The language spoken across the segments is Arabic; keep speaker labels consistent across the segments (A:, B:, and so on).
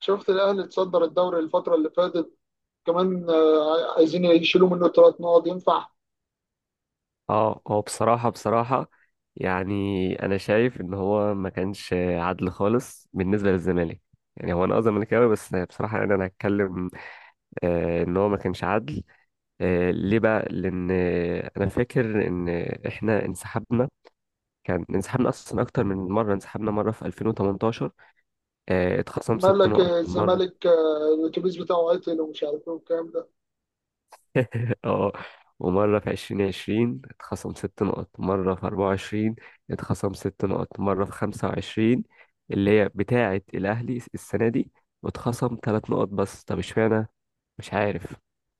A: شفت الاهلي اتصدر الدوري الفتره اللي فاتت كمان، عايزين يشيلوا منه 3 نقط، ينفع؟
B: اه هو بصراحة بصراحة، يعني أنا شايف إن هو ما كانش عدل خالص بالنسبة للزمالك. يعني هو أنا زملكاوي، بس بصراحة يعني أنا هتكلم إن هو ما كانش عدل. ليه بقى؟ لأن أنا فاكر إن إحنا انسحبنا، كان انسحبنا أصلا أكتر من مرة. انسحبنا مرة في 2018، اتخصم
A: قال
B: ست
A: لك
B: نقط مرة
A: الزمالك الاتوبيس بتاعه عطل ومش عارف ايه والكلام ده.
B: اه ومرة في 2020 اتخصم 6 نقط، مرة في 2024 اتخصم 6 نقط، مرة في 2025 اللي هي بتاعة الأهلي السنة دي، واتخصم 3 نقط بس. طب اشمعنى؟ مش عارف.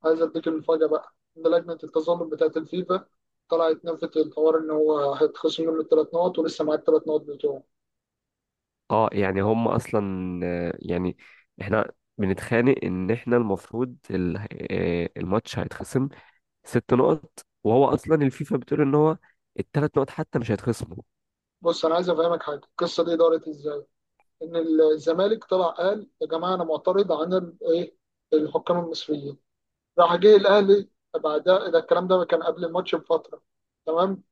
A: عايز اديك المفاجاه بقى ان لجنه التظلم بتاعت الفيفا طلعت نفت الحوار ان هو هيتخصم منه الثلاث نقط، ولسه معاه الثلاث نقط بتوعه.
B: اه يعني هم أصلا آه، يعني احنا بنتخانق إن احنا المفروض الماتش هيتخصم 6 نقط، وهو أصلا الفيفا بتقول إن هو التلات نقط حتى مش هيتخصموا.
A: بص انا عايز افهمك حاجه، القصه دي دارت ازاي؟ ان الزمالك طلع قال يا جماعه انا معترض عن ال- ايه الحكام المصريين. راح جه الاهلي بعدها، ده الكلام ده كان قبل الماتش بفتره، تمام.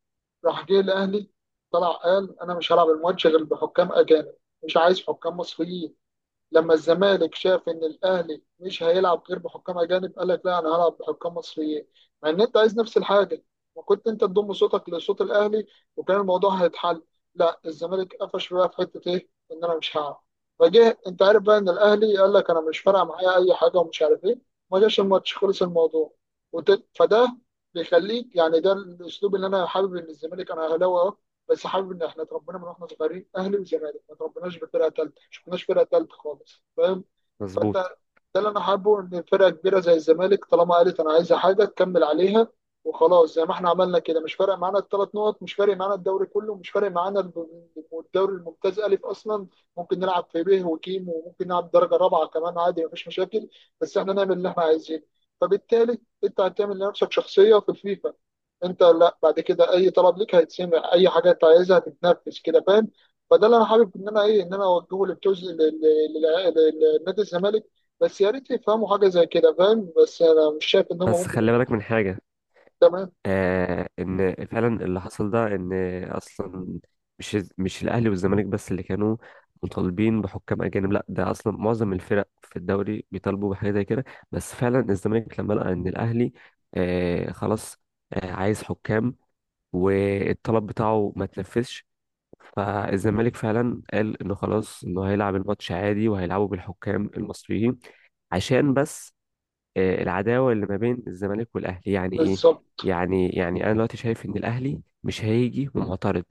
A: راح جه الاهلي طلع قال انا مش هلعب الماتش غير بحكام اجانب، مش عايز حكام مصريين. لما الزمالك شاف ان الاهلي مش هيلعب غير بحكام اجانب قال لك لا انا هلعب بحكام مصريين، مع ان انت عايز نفس الحاجه، وكنت انت تضم صوتك لصوت الاهلي وكان الموضوع هيتحل. لا الزمالك قفش بقى في حته ايه، ان انا مش هلعب. فجه انت عارف بقى ان الاهلي قال لك انا مش فارقه معايا اي حاجه ومش عارف ايه، ما جاش الماتش، خلص الموضوع. فده بيخليك يعني، ده الاسلوب اللي انا حابب. ان الزمالك، انا اهلاوي أهو، بس حابب ان احنا اتربينا من واحنا صغيرين اهلي وزمالك، ما اتربيناش بفرقه ثالثه، ما شفناش فرقه ثالثه خالص، فاهم.
B: مظبوط.
A: ده اللي انا حابه، ان فرقه كبيره زي الزمالك طالما قالت انا عايزه حاجه تكمل عليها وخلاص، زي ما احنا عملنا كده، مش فارق معانا الثلاث نقط، مش فارق معانا الدوري كله، مش فارق معانا الدوري الممتاز الف اصلا. ممكن نلعب في ب وكيم وممكن نلعب درجه رابعه كمان عادي، مفيش مشاكل. بس احنا نعمل اللي احنا عايزينه. فبالتالي انت هتعمل لنفسك شخصيه في الفيفا، انت لا بعد كده اي طلب ليك هيتسمع، اي حاجه انت عايزها هتتنفذ كده، فاهم. فده اللي انا حابب ان انا ايه، ان انا اوجهه للجزء لنادي الزمالك. بس يا ريت يفهموا حاجة زي كده، فاهم. بس أنا مش شايف إن هم
B: بس
A: ممكن
B: خلي
A: يفهموا.
B: بالك من حاجة،
A: تمام.
B: ان فعلا اللي حصل ده ان اصلا مش الاهلي والزمالك بس اللي كانوا مطالبين بحكام اجانب، لا ده اصلا معظم الفرق في الدوري بيطالبوا بحاجه زي كده. بس فعلا الزمالك لما لقى ان الاهلي خلاص عايز حكام، والطلب بتاعه ما تنفذش، فالزمالك فعلا قال انه خلاص انه هيلعب الماتش عادي، وهيلعبه بالحكام المصريين، عشان بس العداوه اللي ما بين الزمالك والاهلي يعني ايه.
A: بالظبط.
B: يعني انا دلوقتي شايف ان الاهلي مش هيجي ومعترض،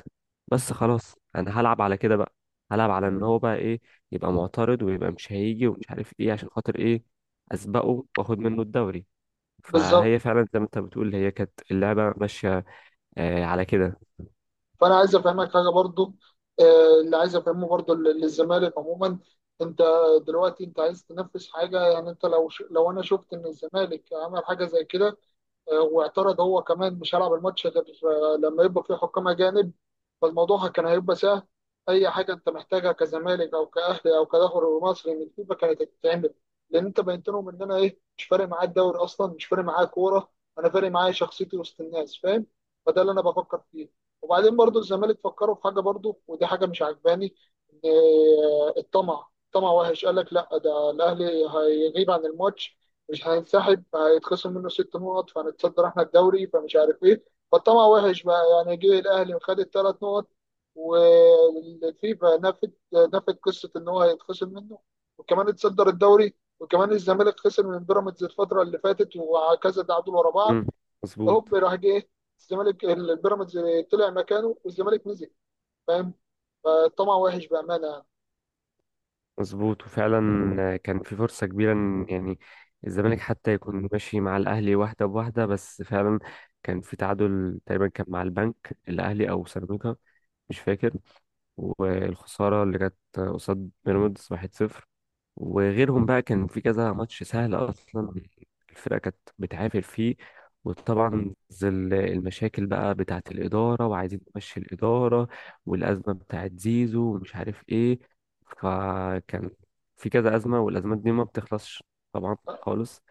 B: بس خلاص انا هلعب على كده بقى. هلعب على ان
A: مم.
B: هو بقى ايه، يبقى معترض ويبقى مش هيجي ومش عارف ايه، عشان خاطر ايه؟ اسبقه واخد منه الدوري.
A: بالظبط.
B: فهي فعلا زي ما انت بتقول، هي كانت اللعبه ماشيه على كده.
A: فأنا عايز أفهمك حاجة برضو، اللي عايز أفهمه برضو للزمالك عموما، أنت دلوقتي أنت عايز تنفذ حاجة. يعني أنت لو لو أنا شفت إن الزمالك عمل حاجة زي كده واعترض هو كمان مش هلعب الماتش غير لما يبقى فيه حكام أجانب، فالموضوع كان هيبقى سهل. أي حاجة أنت محتاجها كزمالك أو كأهلي أو كدوري مصري من فيفا كانت هتتعمل، لأن أنت بينتنهم إن أنا إيه، مش فارق معايا الدوري أصلا، مش فارق معايا كورة، أنا فارق معايا شخصيتي وسط الناس، فاهم. فده اللي أنا بفكر فيه. وبعدين برضو الزمالك فكروا في حاجة برضو، ودي حاجة مش عجباني، إن الطمع وحش. قال لك لا ده الأهلي هيغيب عن الماتش، مش هينسحب، هيتخصم منه 6 نقط فهنتصدر احنا الدوري، فمش عارف ايه. فالطمع وحش بقى، يعني جه الاهلي وخد الثلاث نقط، والفيفا نفت قصه ان هو هيتخصم منه، وكمان اتصدر الدوري. وكمان الزمالك خسر من بيراميدز الفتره اللي فاتت وكذا تعادل ورا بعض.
B: مم، مظبوط.
A: هوب راح جه الزمالك، البيراميدز طلع مكانه والزمالك نزل، فاهم. فالطمع وحش بامانه يعني.
B: مظبوط، وفعلا كان في فرصة كبيرة إن، يعني، الزمالك حتى يكون ماشي مع الأهلي واحدة بواحدة، بس فعلا كان في تعادل تقريبا، كان مع البنك الأهلي أو سيراميكا، مش فاكر، والخسارة اللي جت قصاد بيراميدز 1-0، وغيرهم بقى كان في كذا ماتش سهل اصلا الفرقه كانت بتعافر فيه. وطبعا ظل المشاكل بقى بتاعه الاداره، وعايزين نمشي الاداره، والازمه بتاعه زيزو ومش عارف ايه، فكان في كذا ازمه، والازمات دي ما بتخلصش طبعا خالص.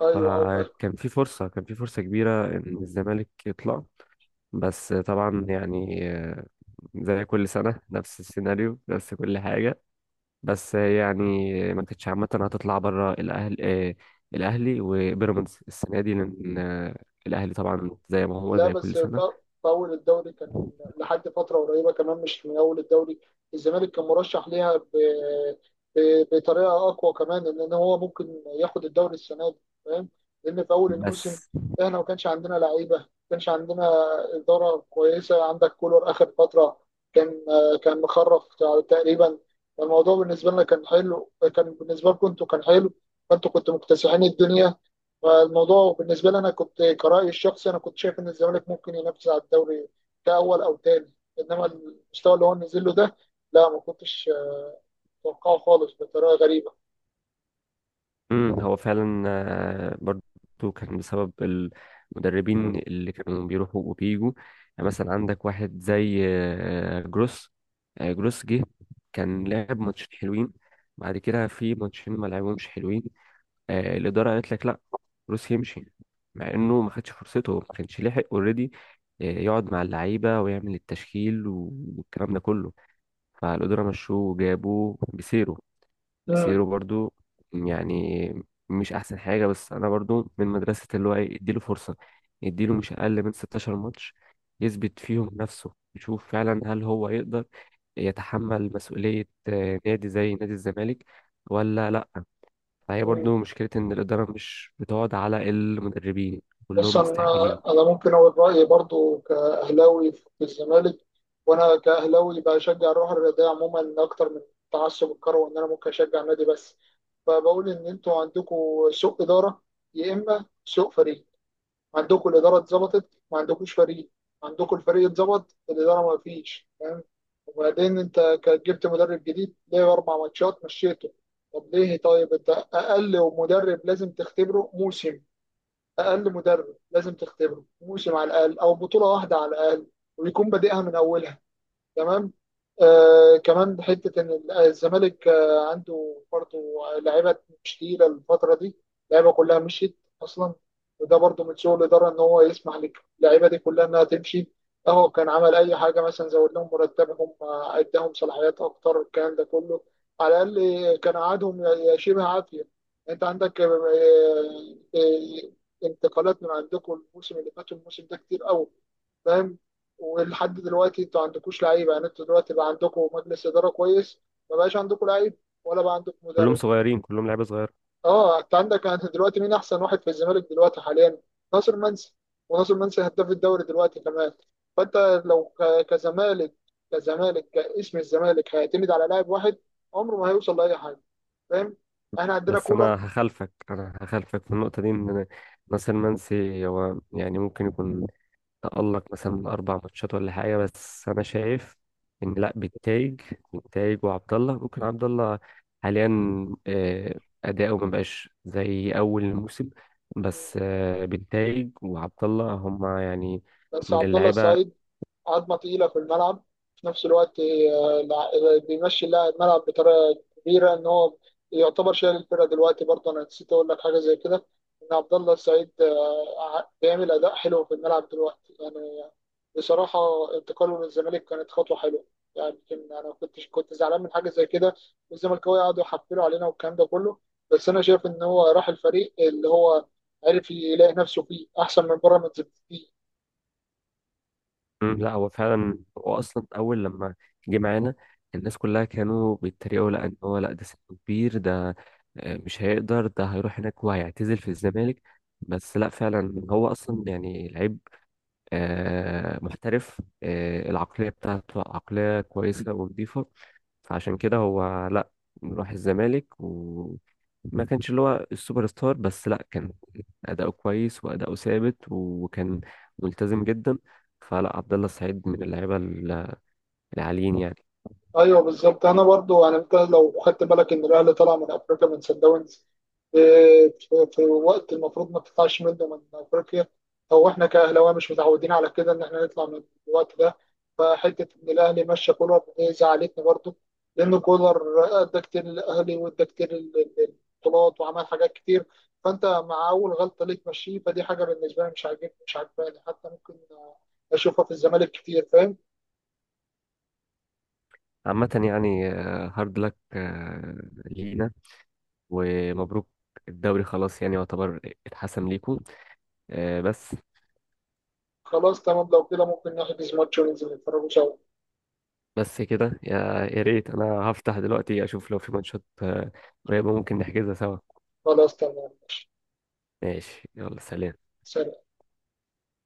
A: ايوه.
B: فكان في فرصه كان في فرصه كبيره ان الزمالك يطلع، بس طبعا يعني زي كل سنه نفس السيناريو، نفس كل حاجه. بس يعني ما كانتش عامة هتطلع بره الأهل الأهلي وبيراميدز السنة دي، لأن الأهلي طبعا زي ما هو
A: لا
B: زي كل
A: بس
B: سنة.
A: في أول الدوري كان، لحد فترة قريبة كمان، مش من أول الدوري، الزمالك كان مرشح ليها بطريقة أقوى كمان، لأن هو ممكن ياخد الدوري السنة دي، فاهم. لأن في أول الموسم
B: بس
A: إحنا ما كانش عندنا لعيبة، ما كانش عندنا إدارة كويسة. عندك كولر آخر فترة، كان كان مخرف تقريبا. الموضوع بالنسبة لنا كان حلو، كان بالنسبة لكم أنتوا كان حلو، فأنتوا كنتوا مكتسحين الدنيا. فالموضوع بالنسبه لي انا كنت كرأيي الشخصي انا كنت شايف ان الزمالك ممكن ينافس على الدوري كاول او تاني. انما المستوى اللي هو نزل له ده، لا ما كنتش متوقعه خالص، بطريقه غريبه.
B: هو فعلا برضو كان بسبب المدربين اللي كانوا بيروحوا وبيجوا. يعني مثلا عندك واحد زي جروس جه كان لعب ماتشين حلوين، بعد كده في ماتشين ما لعبهمش حلوين. الاداره قالت لك لا، روس يمشي، مع انه ما خدش فرصته، ما كانش لحق اوريدي يقعد مع اللعيبه ويعمل التشكيل والكلام ده كله. فالاداره مشوه وجابوا بيسيرو.
A: مم.
B: بيسيرو برضو يعني مش احسن حاجه، بس انا برضو من مدرسه اللي هو ايه، اديله فرصه، اديله مش اقل من 16 ماتش يثبت فيهم نفسه، يشوف فعلا هل هو يقدر يتحمل مسؤوليه نادي زي نادي الزمالك ولا لا. فهي
A: مم.
B: برضو مشكلة إن الإدارة مش بتقعد على المدربين،
A: بص
B: كلهم
A: انا
B: مستعجلين،
A: انا ممكن اقول رايي برضو كاهلاوي في الزمالك، وانا كاهلاوي بشجع الروح الرياضيه عموما اكتر من تعصب الكروي، وان انا ممكن اشجع نادي بس. فبقول ان انتوا عندكم سوء اداره يا اما سوء فريق. عندكم الإدارة اتظبطت ما عندكوش فريق، عندكم الفريق اتظبط الإدارة ما فيش، فاهم. وبعدين أنت جبت مدرب جديد ليه؟ أربع ماتشات مشيته. طب ليه؟ طيب أنت أقل مدرب لازم تختبره موسم، أقل مدرب لازم تختبره موسم على الأقل أو بطولة واحدة على الأقل، ويكون بادئها من أولها، تمام. آه كمان حته ان الزمالك عنده برضه لعيبه مش تقيله الفتره دي. اللعيبه كلها مشيت اصلا، وده برضه من سوء الاداره، ان هو يسمح للعيبه دي كلها انها تمشي. اهو كان عمل اي حاجه، مثلا زود لهم مرتبهم، اداهم صلاحيات اكتر، الكلام ده كله على الاقل كان قعدهم شبه عافيه. انت عندك، انتقالات من عندكم الموسم اللي فات والموسم ده كتير قوي، فاهم. ولحد دلوقتي انتوا ما عندكوش لعيبه، يعني انتوا دلوقتي بقى عندكم مجلس اداره كويس، ما بقاش عندكم لعيب، ولا بقى عندكم
B: كلهم
A: مدرب.
B: صغيرين، كلهم لعيبة صغيرة.
A: اه، انت عندك، انت دلوقتي مين احسن واحد في الزمالك دلوقتي حاليا؟ ناصر منسي، وناصر منسي هداف الدوري دلوقتي كمان. فانت لو كزمالك، كزمالك كاسم الزمالك هيعتمد على لاعب واحد، عمره ما هيوصل لاي حاجه، فاهم. احنا عندنا
B: بس
A: كولر.
B: أنا هخالفك في النقطة دي، إن ناصر منسي هو يعني ممكن يكون تألق مثلا من أربع ماتشات ولا حاجة، بس أنا شايف إن لأ، بالتايج وعبد الله، ممكن عبد الله حاليا أداؤه مبقاش زي أول الموسم، بس بالتايج وعبد الله هما يعني
A: بس
B: من
A: عبد الله
B: اللعيبة.
A: السعيد عظمه تقيله في الملعب. في نفس الوقت بيمشي اللاعب الملعب بطريقه كبيره، ان هو يعتبر شايل الفرقه دلوقتي. برضه انا نسيت اقول لك حاجه زي كده، ان عبد الله السعيد بيعمل اداء حلو في الملعب دلوقتي، يعني بصراحه. انتقاله من الزمالك كانت خطوه حلوه، يعني يمكن انا كنت زعلان من حاجه زي كده، والزملكاويه قعدوا يحفلوا علينا والكلام ده كله. بس انا شايف ان هو راح الفريق اللي هو عرف يلاقي نفسه فيه احسن من بيراميدز بكتير.
B: لا هو فعلا، هو اصلا اول لما جه معانا الناس كلها كانوا بيتريقوا، لا ان هو لا، ده سنه كبير، ده مش هيقدر، ده هيروح هناك وهيعتزل في الزمالك. بس لا فعلا هو اصلا يعني لعيب محترف، العقليه بتاعته عقليه كويسه ونظيفه، فعشان كده هو لا، راح الزمالك وما كانش اللي هو السوبر ستار، بس لا، كان أداؤه كويس وأداؤه ثابت وكان ملتزم جدا. فلا، عبد الله السعيد من اللعيبة العاليين يعني.
A: ايوه بالظبط. انا برضو يعني انت لو خدت بالك ان الاهلي طلع من افريقيا من سان داونز، آه، في وقت المفروض ما تطلعش منه من افريقيا، او احنا كاهلاويه مش متعودين على كده ان احنا نطلع من الوقت ده. فحته ان الاهلي مشى كولر دي زعلتني برضو، لان كولر ادى كتير للاهلي وادى كتير للبطولات وعمل حاجات كتير. فانت مع اول غلطه ليك مشيه، فدي حاجه بالنسبه لي مش عاجبني، مش عاجباني حتى، ممكن اشوفها في الزمالك كتير، فاهم.
B: عامة يعني هارد لك لينا، ومبروك، الدوري خلاص يعني يعتبر اتحسم ليكم بس.
A: خلاص تمام، لو كده ممكن نحجز ماتش وننزل نتفرجوا سوا.
B: كده يا ريت انا هفتح دلوقتي اشوف لو في ماتشات قريبة ممكن نحجزها سوا.
A: خلاص تمام ماشي.
B: ماشي، يلا، سلام.
A: سلام.